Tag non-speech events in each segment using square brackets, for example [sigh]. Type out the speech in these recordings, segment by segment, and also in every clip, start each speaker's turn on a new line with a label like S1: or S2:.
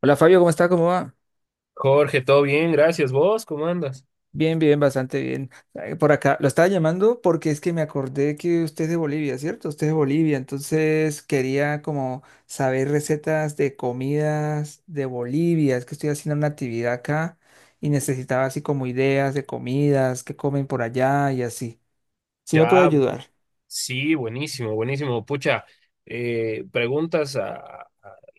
S1: Hola Fabio, ¿cómo está? ¿Cómo va?
S2: Jorge, todo bien, gracias. ¿Vos cómo andas?
S1: Bien, bien, bastante bien. Ay, por acá, lo estaba llamando porque es que me acordé que usted es de Bolivia, ¿cierto? Usted es de Bolivia, entonces quería como saber recetas de comidas de Bolivia. Es que estoy haciendo una actividad acá y necesitaba así como ideas de comidas, que comen por allá y así. ¿Sí me puede
S2: Ya, bu-
S1: ayudar?
S2: sí, buenísimo, buenísimo. Pucha, preguntas a- a-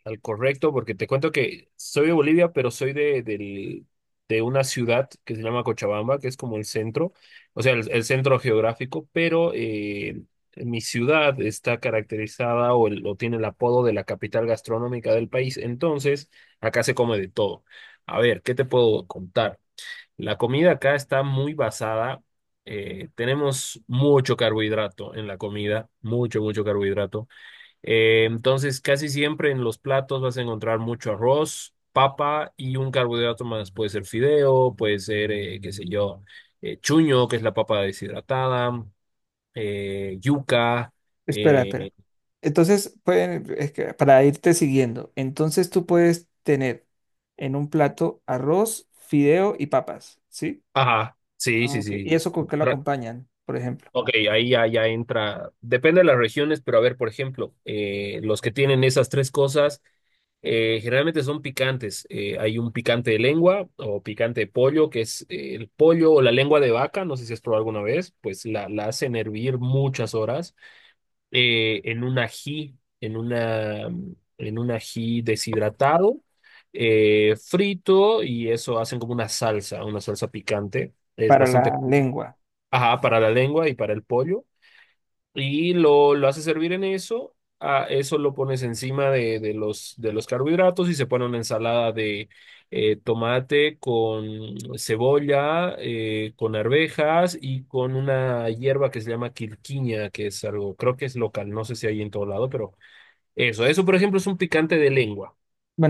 S2: al correcto porque te cuento que soy de Bolivia, pero soy de una ciudad que se llama Cochabamba, que es como el centro, o sea, el centro geográfico, pero mi ciudad está caracterizada o o tiene el apodo de la capital gastronómica del país. Entonces, acá se come de todo. A ver, ¿qué te puedo contar? La comida acá está muy basada, tenemos mucho carbohidrato en la comida, mucho, mucho carbohidrato. Entonces, casi siempre en los platos vas a encontrar mucho arroz, papa y un carbohidrato más. Puede ser fideo, puede ser, qué sé yo, chuño, que es la papa deshidratada, yuca,
S1: Espera, espera.
S2: eh,
S1: Entonces, pueden, es que para irte siguiendo, entonces tú puedes tener en un plato arroz, fideo y papas, ¿sí?
S2: ajá, sí,
S1: Ah,
S2: sí,
S1: ok. ¿Y
S2: sí.
S1: eso con qué lo acompañan, por ejemplo,
S2: Ok, ahí ya, ya entra, depende de las regiones, pero a ver, por ejemplo, los que tienen esas tres cosas generalmente son picantes. Hay un picante de lengua o picante de pollo, que es el pollo o la lengua de vaca, no sé si has probado alguna vez, pues la hacen hervir muchas horas en un ají, en una, en un ají deshidratado, frito y eso hacen como una salsa picante. Es
S1: para
S2: bastante,
S1: la lengua?
S2: ajá, para la lengua y para el pollo. Y lo haces servir en eso, a eso lo pones encima de los carbohidratos y se pone una ensalada de tomate con cebolla, con arvejas y con una hierba que se llama quirquiña, que es algo, creo que es local, no sé si hay en todo lado, pero eso por ejemplo es un picante de lengua,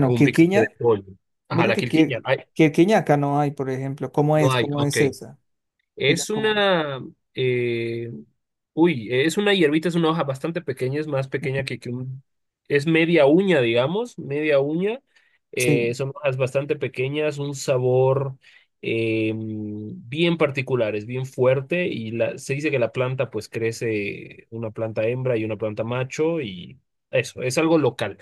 S2: o un picante de
S1: quirquiña,
S2: pollo. Ajá,
S1: mira
S2: la
S1: que
S2: quirquiña, ay,
S1: quirquiña acá no hay, por ejemplo. ¿Cómo
S2: no
S1: es?
S2: hay,
S1: ¿Cómo
S2: ok.
S1: es esa? Ella,
S2: Es
S1: ¿cómo es?
S2: una, eh, uy, es una hierbita, es una hoja bastante pequeña, es más pequeña que un, es media uña, digamos, media uña.
S1: Sí.
S2: Son hojas bastante pequeñas, un sabor bien particular, es bien fuerte y la, se dice que la planta pues crece una planta hembra y una planta macho y eso, es algo local,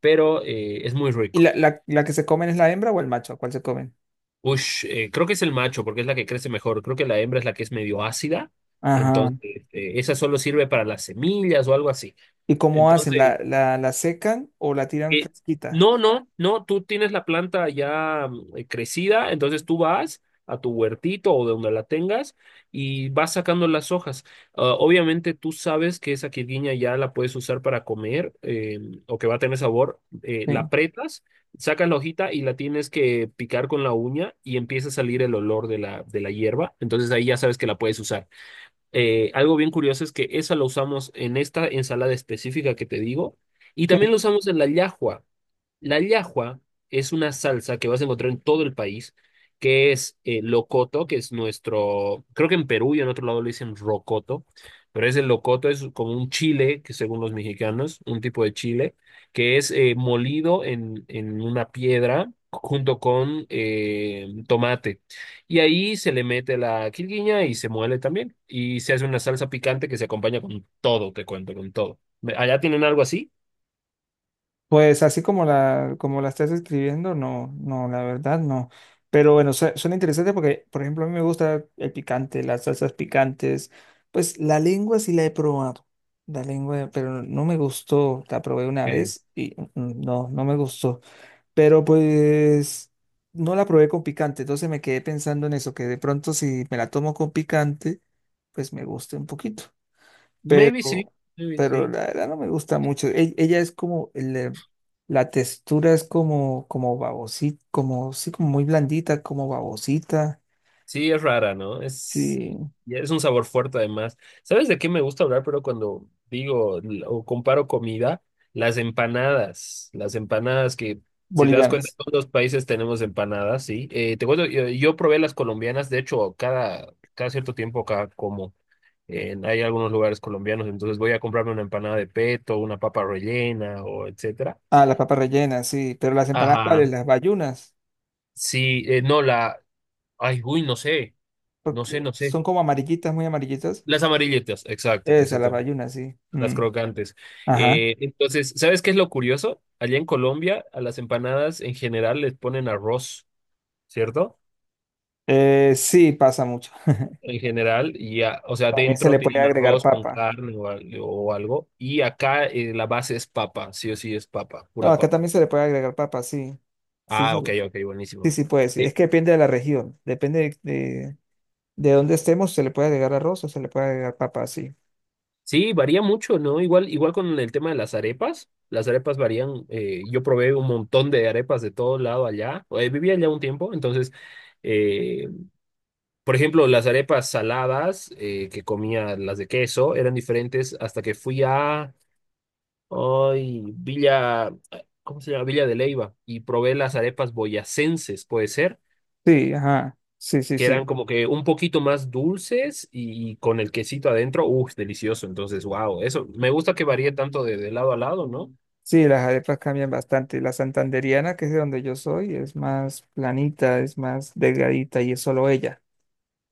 S2: pero es muy
S1: ¿Y
S2: rico.
S1: la que se comen es la hembra o el macho? ¿Cuál se comen?
S2: Ush, creo que es el macho porque es la que crece mejor. Creo que la hembra es la que es medio ácida.
S1: Ajá.
S2: Entonces, esa solo sirve para las semillas o algo así.
S1: ¿Y cómo hacen?
S2: Entonces,
S1: ¿La secan o la tiran
S2: eh,
S1: fresquita?
S2: no, no, no, tú tienes la planta ya crecida, entonces tú vas a tu huertito o de donde la tengas y vas sacando las hojas. Ah, obviamente tú sabes que esa quirguiña ya la puedes usar para comer o que va a tener sabor. Eh, la
S1: Sí.
S2: apretas, sacas la hojita y la tienes que picar con la uña y empieza a salir el olor de la hierba. Entonces ahí ya sabes que la puedes usar. Algo bien curioso es que esa la usamos en esta ensalada específica que te digo. Y también
S1: Sí.
S2: lo usamos en la llajua. La llajua es una salsa que vas a encontrar en todo el país, que es locoto, que es nuestro, creo que en Perú y en otro lado le dicen rocoto, pero es el locoto, es como un chile, que según los mexicanos, un tipo de chile, que es molido en una piedra junto con tomate. Y ahí se le mete la quilguiña y se muele también. Y se hace una salsa picante que se acompaña con todo, te cuento, con todo. ¿Allá tienen algo así?
S1: Pues así como la estás escribiendo, no, no, la verdad no. Pero bueno, suena interesante porque, por ejemplo, a mí me gusta el picante, las salsas picantes. Pues la lengua sí la he probado. La lengua, pero no me gustó. La probé una
S2: Ok.
S1: vez y no, no me gustó. Pero pues no la probé con picante. Entonces me quedé pensando en eso, que de pronto si me la tomo con picante, pues me guste un poquito
S2: Maybe sí,
S1: pero,
S2: maybe
S1: pero
S2: sí.
S1: la verdad no me gusta mucho. Ella es como, la textura es como, como babosita, como, sí, como muy blandita, como babosita,
S2: Sí, es rara, ¿no? Es,
S1: sí,
S2: y es un sabor fuerte además. ¿Sabes de qué me gusta hablar? Pero cuando digo o comparo comida, las empanadas que, si te das cuenta,
S1: bolivianas.
S2: todos los países tenemos empanadas, ¿sí? Te cuento, yo probé las colombianas, de hecho, cada, cada cierto tiempo acá como hay algunos lugares colombianos, entonces voy a comprarme una empanada de peto, una papa rellena o etcétera.
S1: Ah, las papas rellenas, sí, pero las empanadas, ¿cuáles?
S2: Ajá.
S1: Las bayunas,
S2: Sí, no, la, ay, uy, no sé, no sé,
S1: porque
S2: no sé.
S1: son como amarillitas, muy amarillitas.
S2: Las amarillitas, exacto,
S1: Esas, las
S2: exacto.
S1: bayunas, sí.
S2: Las
S1: Mm.
S2: crocantes.
S1: Ajá.
S2: Entonces, ¿sabes qué es lo curioso? Allá en Colombia, a las empanadas en general les ponen arroz, ¿cierto?
S1: Sí, pasa mucho. [laughs]
S2: En general, y o sea,
S1: También se
S2: dentro
S1: le puede
S2: tienen
S1: agregar
S2: arroz con
S1: papa.
S2: carne o o algo. Y acá la base es papa, sí o sí es papa,
S1: No,
S2: pura
S1: acá
S2: papa.
S1: también se le puede agregar papa, sí. Sí,
S2: Ah,
S1: se le-
S2: ok, ok,
S1: sí,
S2: buenísimo.
S1: sí puede, sí.
S2: Eh,
S1: Es que depende de la región, depende de donde estemos se le puede agregar arroz o se le puede agregar papa, sí.
S2: Sí, varía mucho, ¿no? Igual, igual con el tema de las arepas. Las arepas varían. Eh, yo probé un montón de arepas de todo lado allá. Eh, vivía allá un tiempo, entonces, eh, por ejemplo, las arepas saladas que comía, las de queso, eran diferentes hasta que fui a ay, Villa, ¿cómo se llama? Villa de Leyva y probé las arepas boyacenses, puede ser.
S1: Sí, ajá. Sí, sí,
S2: Que eran
S1: sí.
S2: como que un poquito más dulces y con el quesito adentro, uff, delicioso. Entonces, wow, eso, me gusta que varíe tanto de lado a lado, ¿no?
S1: Sí, las arepas cambian bastante. La santandereana, que es de donde yo soy, es más planita, es más delgadita y es solo ella.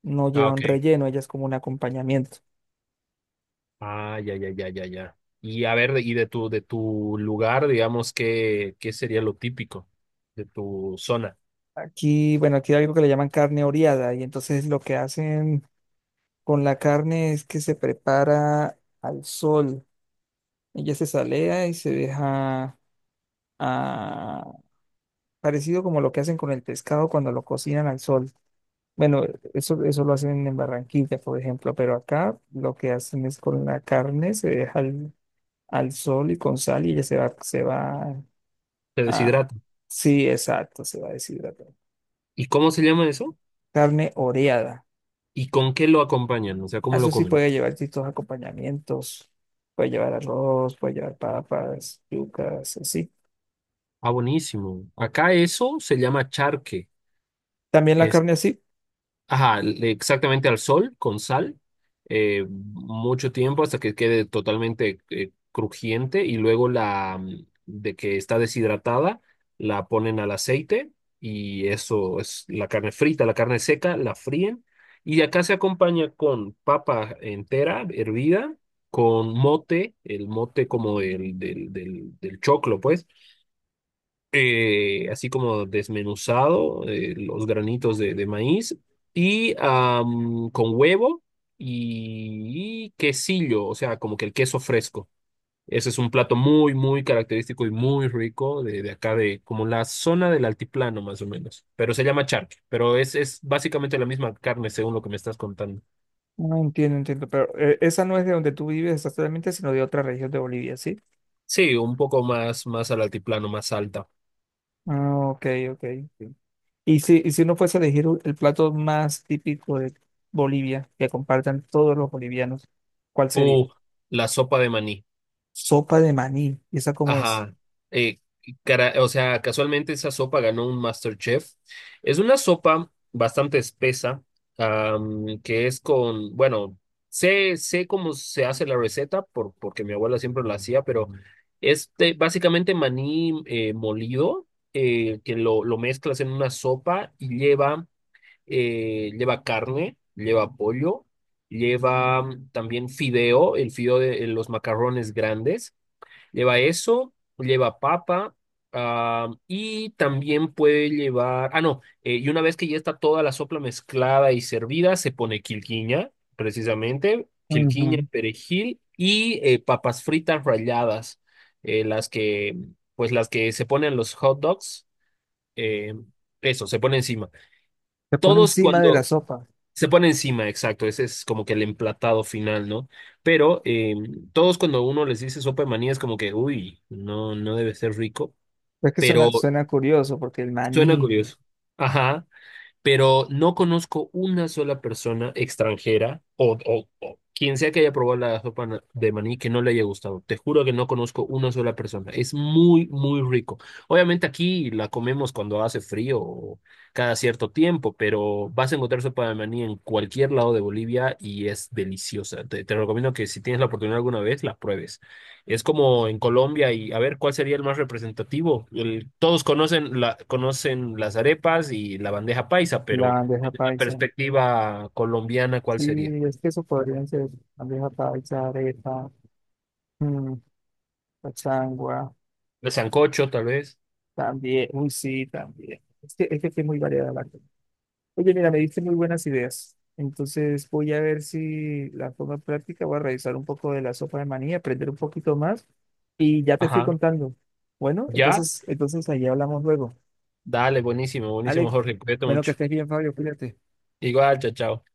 S1: No
S2: Ah,
S1: lleva un
S2: ok.
S1: relleno, ella es como un acompañamiento.
S2: Ah, ya, ya, ya, ya, ya. Y a ver, y de tu lugar, digamos, ¿qué, qué sería lo típico de tu zona?
S1: Aquí, bueno, aquí hay algo que le llaman carne oreada y entonces lo que hacen con la carne es que se prepara al sol. Ella se salea y se deja, ah, parecido como lo que hacen con el pescado cuando lo cocinan al sol. Bueno, eso lo hacen en Barranquilla, por ejemplo, pero acá lo que hacen es con la carne, se deja al, al sol y con sal y ya se va
S2: Te
S1: a...
S2: deshidrata.
S1: Sí, exacto, se va a deshidratar.
S2: ¿Y cómo se llama eso?
S1: Carne oreada.
S2: ¿Y con qué lo acompañan? O sea, ¿cómo
S1: Eso
S2: lo
S1: sí
S2: comen?
S1: puede llevar distintos acompañamientos. Puede llevar arroz, puede llevar papas, yucas, así.
S2: Ah, buenísimo. Acá eso se llama charque.
S1: También la carne así.
S2: Ajá, exactamente al sol, con sal, mucho tiempo hasta que quede totalmente crujiente y luego de que está deshidratada, la ponen al aceite y eso es la carne frita, la carne seca, la fríen y acá se acompaña con papa entera, hervida, con mote, el mote como el del choclo, pues así como desmenuzado, los granitos de maíz, y am, con huevo y quesillo, o sea, como que el queso fresco. Ese es un plato muy, muy característico y muy rico de acá, de como la zona del altiplano, más o menos. Pero se llama charque, pero es básicamente la misma carne, según lo que me estás contando.
S1: No entiendo, entiendo, pero esa no es de donde tú vives exactamente, sino de otra región de Bolivia, ¿sí?
S2: Sí, un poco más, más al altiplano, más alta.
S1: Ah, ok, ok. Ok. Y si uno fuese a elegir el plato más típico de Bolivia, que compartan todos los bolivianos, ¿cuál sería?
S2: O la sopa de maní.
S1: Sopa de maní. ¿Y esa cómo es?
S2: Ajá. Eh, o sea, casualmente esa sopa ganó un MasterChef. Es una sopa bastante espesa, am, que es con, bueno, sé, sé cómo se hace la receta por, porque mi abuela siempre la hacía, pero es básicamente maní molido, que lo mezclas en una sopa y lleva, lleva carne, lleva pollo, lleva también fideo, el fideo de los macarrones grandes. Lleva eso, lleva papa, ah, y también puede llevar, ah, no, y una vez que ya está toda la sopla mezclada y servida, se pone quilquiña, precisamente, quilquiña,
S1: Ujú.
S2: perejil y papas fritas ralladas, eh, las que, pues las que se ponen los hot dogs, eh, eso, se pone encima.
S1: Se pone
S2: Todos
S1: encima de la
S2: cuando,
S1: sopa.
S2: se pone encima, exacto, ese es como que el emplatado final, ¿no? Pero todos cuando uno les dice sopa de maní es como que, uy, no, no debe ser rico,
S1: Es que suena,
S2: pero
S1: suena curioso, porque el
S2: suena
S1: maní,
S2: curioso. Ajá, pero no conozco una sola persona extranjera o o quien sea que haya probado la sopa de maní que no le haya gustado. Te juro que no conozco una sola persona. Es muy, muy rico. Obviamente aquí la comemos cuando hace frío o cada cierto tiempo, pero vas a encontrar sopa de maní en cualquier lado de Bolivia y es deliciosa. Te recomiendo que si tienes la oportunidad alguna vez, la pruebes. Es como en Colombia y a ver cuál sería el más representativo. Todos conocen la, conocen las arepas y la bandeja paisa,
S1: la
S2: pero
S1: bandeja
S2: desde la
S1: paisa.
S2: perspectiva colombiana, ¿cuál
S1: Sí,
S2: sería?
S1: es que eso podrían ser bandeja paisa, arepa, mm, cachangua,
S2: El sancocho, tal vez.
S1: también. Uy, sí, también. Es que aquí es muy variada la cosa. Oye, mira, me diste muy buenas ideas. Entonces voy a ver si la forma práctica, voy a revisar un poco de la sopa de maní, aprender un poquito más y ya te estoy
S2: Ajá.
S1: contando. Bueno,
S2: ¿Ya?
S1: entonces, entonces ahí hablamos luego.
S2: Dale, buenísimo, buenísimo,
S1: Alex,
S2: Jorge. Cuídate
S1: bueno, que
S2: mucho.
S1: estés bien, Fabio, cuídate.
S2: Igual, chao, chao.